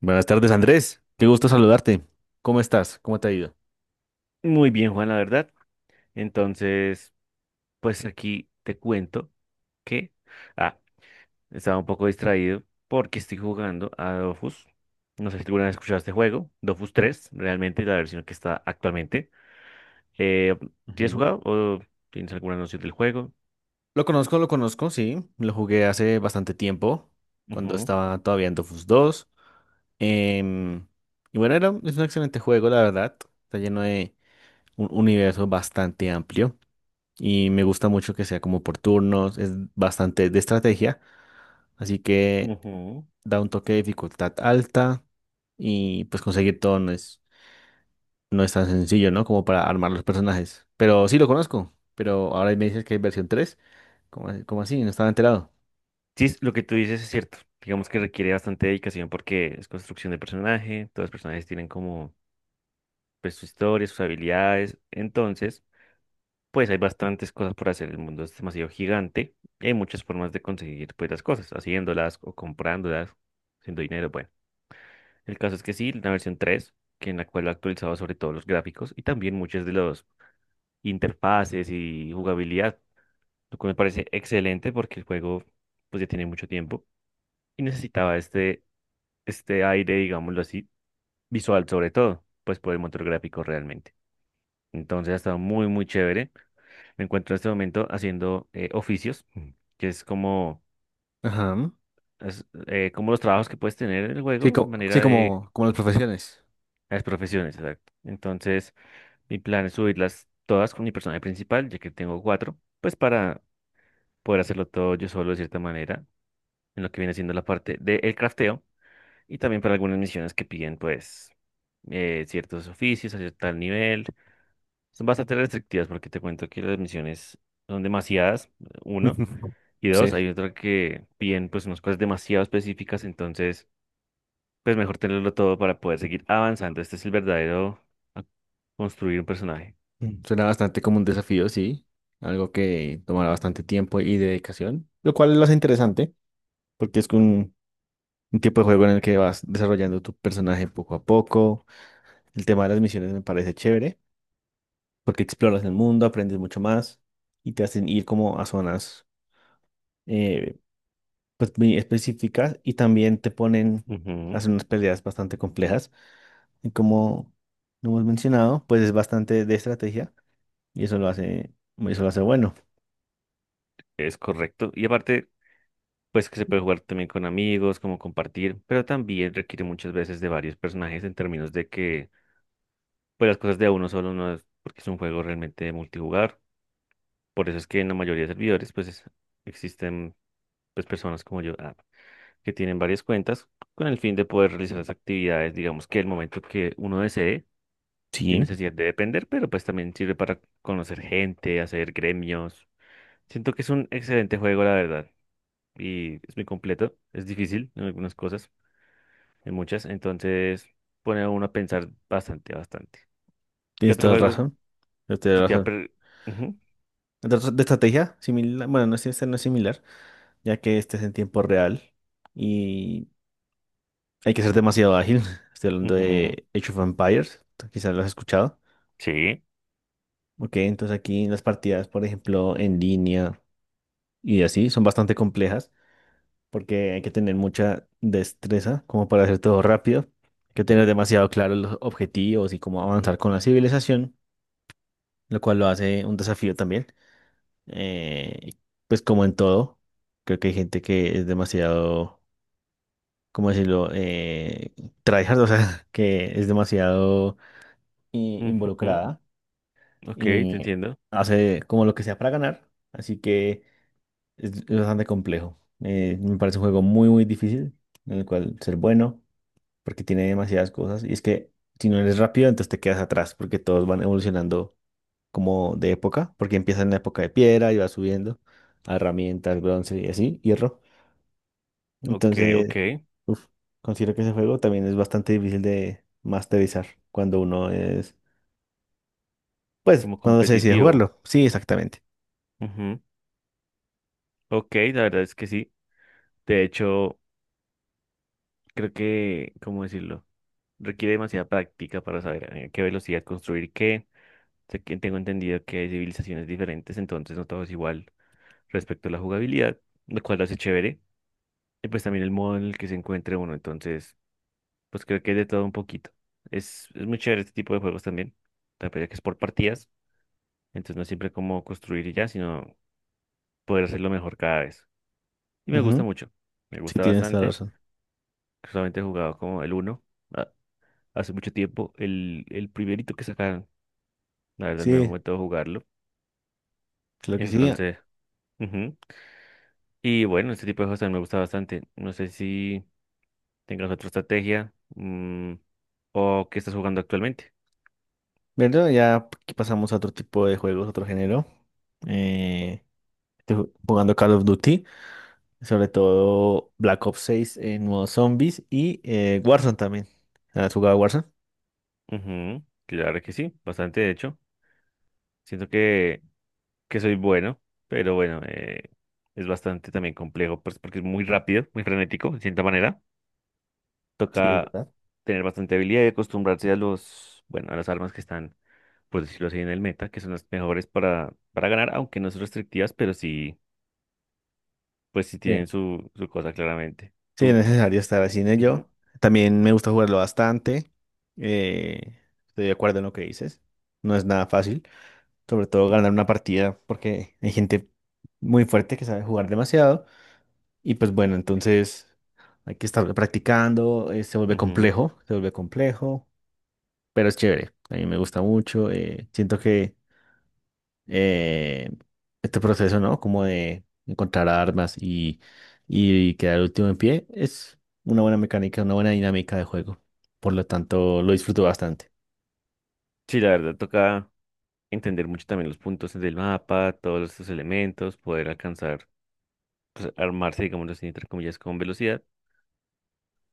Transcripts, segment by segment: Buenas tardes, Andrés. Qué gusto saludarte. ¿Cómo estás? ¿Cómo te ha ido? Muy bien, Juan, la verdad. Entonces, pues aquí te cuento que, ah, estaba un poco distraído porque estoy jugando a Dofus. No sé si alguna vez escuchaste este juego, Dofus tres realmente la versión que está actualmente. Eh, ¿Tienes Ujú. jugado o tienes alguna noción del juego? Lo conozco, sí. Lo jugué hace bastante tiempo, cuando Ujú, estaba todavía en Dofus dos. Em, y bueno, es un excelente juego, la verdad. Está lleno de un universo bastante amplio. Y me gusta mucho que sea como por turnos, es bastante de estrategia. Así que ujú. da un toque de dificultad alta. Y pues conseguir todo no es tan sencillo, ¿no? Como para armar los personajes. Pero sí lo conozco. Pero ahora me dices que hay versión 3. ¿Cómo, cómo así? No estaba enterado. Sí, lo que tú dices es cierto. Digamos que requiere bastante dedicación porque es construcción de personaje, todos los personajes tienen como pues, su historia, sus habilidades. Entonces, pues hay bastantes cosas por hacer. El mundo es demasiado gigante y hay muchas formas de conseguir pues las cosas, haciéndolas o comprándolas, haciendo dinero. Bueno, el caso es que sí, la versión 3, que en la cual ha actualizado sobre todo los gráficos y también muchas de los interfaces y jugabilidad, lo cual me parece excelente porque el juego pues ya tiene mucho tiempo y necesitaba este aire, digámoslo así, visual sobre todo, pues por el motor gráfico realmente. Entonces ha estado muy, muy chévere. Me encuentro en este momento haciendo oficios. Mm, que es como, Ajá. Como los trabajos que puedes tener en el Sí, juego, sí, manera de como, como las profesiones. las profesiones, exacto. Entonces, mi plan es subirlas todas con mi personaje principal, ya que tengo cuatro, pues para poder hacerlo todo yo solo de cierta manera, en lo que viene siendo la parte del crafteo, y también para algunas misiones que piden, pues, ciertos oficios a cierto nivel. Son bastante restrictivas porque te cuento que las misiones son demasiadas, uno. Y dos, Sí. hay otra que piden pues unas cosas demasiado específicas, entonces pues mejor tenerlo todo para poder seguir avanzando. Este es el verdadero a- construir un personaje. Mm. Suena bastante como un desafío, sí. Algo que tomará bastante tiempo y dedicación. Lo cual lo hace interesante. Porque es un tipo de juego en el que vas desarrollando tu personaje poco a poco. El tema de las misiones me parece chévere. Porque exploras el mundo, aprendes mucho más. Y te hacen ir como a zonas. eh, pues, muy específicas y también te ponen a Ujú, hacer unas peleas bastante complejas. Y como lo hemos mencionado, pues es bastante de estrategia y eso lo eso lo hace bueno. es correcto. Y aparte, pues que se puede jugar también con amigos, como compartir, pero también requiere muchas veces de varios personajes en términos de que pues las cosas de a uno solo no es porque es un juego realmente multijugador. Por eso es que en la mayoría de servidores existen pues personas como yo. Ah, que tienen varias cuentas con el fin de poder realizar las actividades, digamos que el momento que uno desee, sin Sí, necesidad de depender, pero pues también sirve para conocer gente, hacer gremios. Siento que es un excelente juego, la verdad, y es muy completo, es difícil en algunas cosas, en muchas, entonces pone a uno a pensar bastante, bastante. ¿Qué tienes otro toda la juego? razón. Tienes toda Si la te ha razón. Ujú, Entonces, de estrategia, similar, bueno, no es, este no es similar, ya que este es en tiempo real y hay que ser demasiado ágil. Estoy hablando ujú, de Age of Empires, quizás lo has escuchado. sí, Ok, entonces aquí las partidas, por ejemplo, en línea y así, son bastante complejas porque hay que tener mucha destreza como para hacer todo rápido. Hay que tener demasiado claro los objetivos y cómo avanzar con la civilización, lo cual lo hace un desafío también. Y pues como en todo, creo que hay gente que es demasiado, ¿cómo decirlo? Tryhard, o sea, que es demasiado ujú. involucrada Ok, y te entiendo. hace como lo que sea para ganar. Así que es bastante complejo. Me parece un juego muy, muy difícil, en el cual ser bueno, porque tiene demasiadas cosas. Y es que si no eres rápido, entonces te quedas atrás, porque todos van evolucionando como de época, porque empieza en la época de piedra y va subiendo a herramientas, bronce y así, hierro. Ok, ok. Entonces, uf, considero que ese juego también es bastante difícil de masterizar cuando uno es, pues, Como cuando se decide competitivo. jugarlo. Sí, exactamente. Ujú, ok, la verdad es que sí. De hecho, creo que, ¿cómo decirlo? Requiere demasiada práctica para saber a qué velocidad construir qué. Sé que tengo entendido que hay civilizaciones diferentes, entonces no todo es igual respecto a la jugabilidad, lo cual lo hace chévere. Y pues también el modo en el que se encuentre uno, entonces, pues creo que es de todo un poquito. Es muy chévere este tipo de juegos también, también ya que es por partidas, entonces no es siempre como construir y ya, sino poder hacerlo mejor cada vez. Y me gusta Ujú. mucho, me Sí, gusta tienes toda la bastante, razón. solamente he jugado como el uno ah, hace mucho tiempo, el primerito que sacaron. La verdad, no he Sí, vuelto a jugarlo. claro que sí. Entonces, ujú. Y bueno, este tipo de cosas me gusta bastante. No sé si tengas otra estrategia, mm, o qué estás jugando actualmente. Bueno, ya aquí pasamos a otro tipo de juegos, otro género. Eh, Estoy jugando Call of Duty. Sobre todo Black Ops 6 en modo zombies y Warzone también. ¿Has jugado Warzone? Ujú, claro que sí, bastante de hecho. Siento que soy bueno, pero bueno, es bastante también complejo pues, porque es muy rápido, muy frenético, de cierta manera. Sí, es Toca verdad. tener bastante habilidad y acostumbrarse a los, bueno, a las armas que están por decirlo así, en el meta, que son las mejores para ganar, aunque no son restrictivas, pero sí, pues sí Sí. tienen su cosa claramente. Sí, es Tú. necesario estar así en Ujú, ello. También me gusta jugarlo bastante. Eh, Estoy de acuerdo en lo que dices. No es nada fácil. Sobre todo ganar una partida porque hay gente muy fuerte que sabe jugar demasiado. Y pues bueno, entonces hay que estar practicando. Se vuelve ujú. complejo, se vuelve complejo, pero es chévere. A mí me gusta mucho. Siento que eh, este proceso, ¿no? Como de encontrar armas y quedar último en pie, es una buena mecánica, una buena dinámica de juego. Por lo tanto, lo disfruto bastante. Sí, la verdad, toca entender mucho también los puntos del mapa, todos estos elementos, poder alcanzar, pues, armarse, digamos así, entre comillas, con velocidad,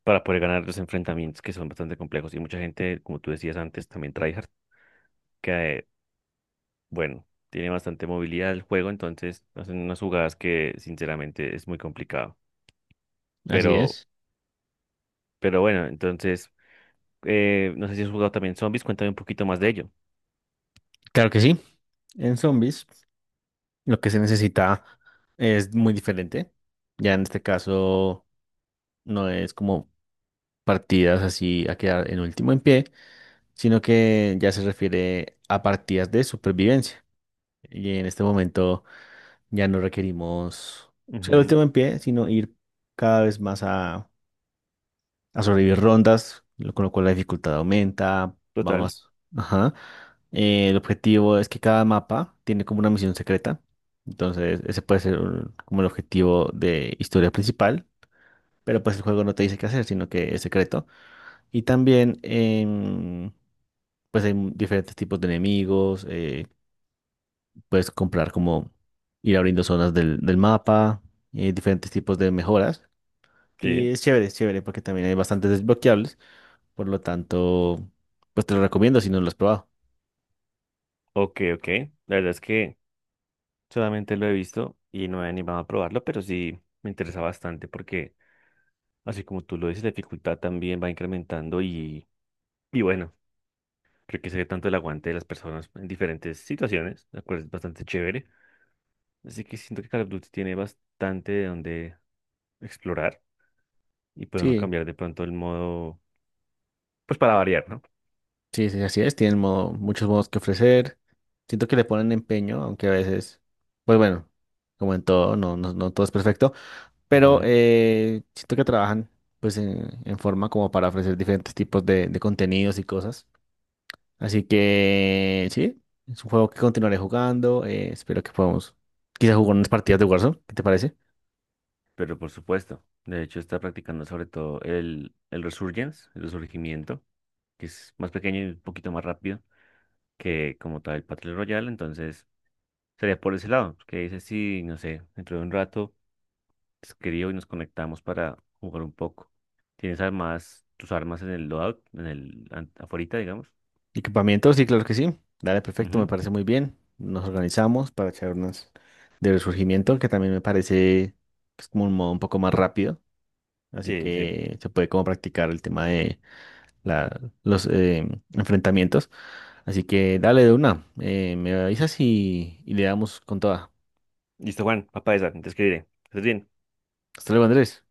para poder ganar los enfrentamientos que son bastante complejos. Y mucha gente, como tú decías antes, también tryhard, que, bueno, tiene bastante movilidad el juego, entonces hacen unas jugadas que, sinceramente, es muy complicado. Así Pero es. Pero bueno, entonces, no sé si has jugado también zombies, cuéntame un poquito más de ello. Claro que sí. En zombies, lo que se necesita es muy diferente. Ya en este caso, no es como partidas así a quedar en último en pie, sino que ya se refiere a partidas de supervivencia. Y en este momento... Ya no requerimos ser el Ujú, último en pie, sino ir cada vez más a sobrevivir rondas, con lo cual la dificultad aumenta, va total, más. Ajá. El objetivo es que cada mapa tiene como una misión secreta. Entonces, ese puede ser como el objetivo de historia principal, pero pues el juego no te dice qué hacer, sino que es secreto. Y también, pues hay diferentes tipos de enemigos, puedes comprar como ir abriendo zonas del mapa, diferentes tipos de mejoras. Y sí. Es chévere, porque también hay bastantes desbloqueables. Por lo tanto, pues te lo recomiendo si no lo has probado. Ok, ok. La verdad es que solamente lo he visto y no me he animado a probarlo, pero sí me interesa bastante porque, así como tú lo dices, la dificultad también va incrementando y bueno, creo que se ve tanto el aguante de las personas en diferentes situaciones, la cual es bastante chévere. Así que siento que Call of Duty tiene bastante de donde explorar y puede uno Sí, cambiar de pronto el modo, pues para variar, sí, sí, así es. Tienen modo- muchos modos que ofrecer. Siento que le ponen empeño, aunque a veces, pues bueno, como en todo, no, no, no todo es perfecto. Pero ¿no? Siento que trabajan pues en forma como para ofrecer diferentes tipos de contenidos y cosas. Así que sí, es un juego que continuaré jugando. Espero que podamos quizás jugar unas partidas de Warzone. ¿Qué te parece? Pero por supuesto, de hecho está practicando sobre todo el resurgence, el resurgimiento, que es más pequeño y un poquito más rápido que como tal el Battle Royale, entonces sería por ese lado, que dice si, no sé, dentro de un rato te escribo y nos conectamos para jugar un poco. ¿Tienes armas, tus armas en el loadout, en el aforita, digamos? Equipamiento, sí, claro que sí. Dale, perfecto, me Ujú. parece muy bien. Nos organizamos para charlas de resurgimiento, que también me parece pues, como un modo un poco más rápido. Así Sí, sí. que se puede como practicar el tema de los enfrentamientos. Así que dale de una. Me avisas y le damos con toda. Listo, Juan, papá esa, te escribiré. ¿Estás bien? Hasta luego, Andrés.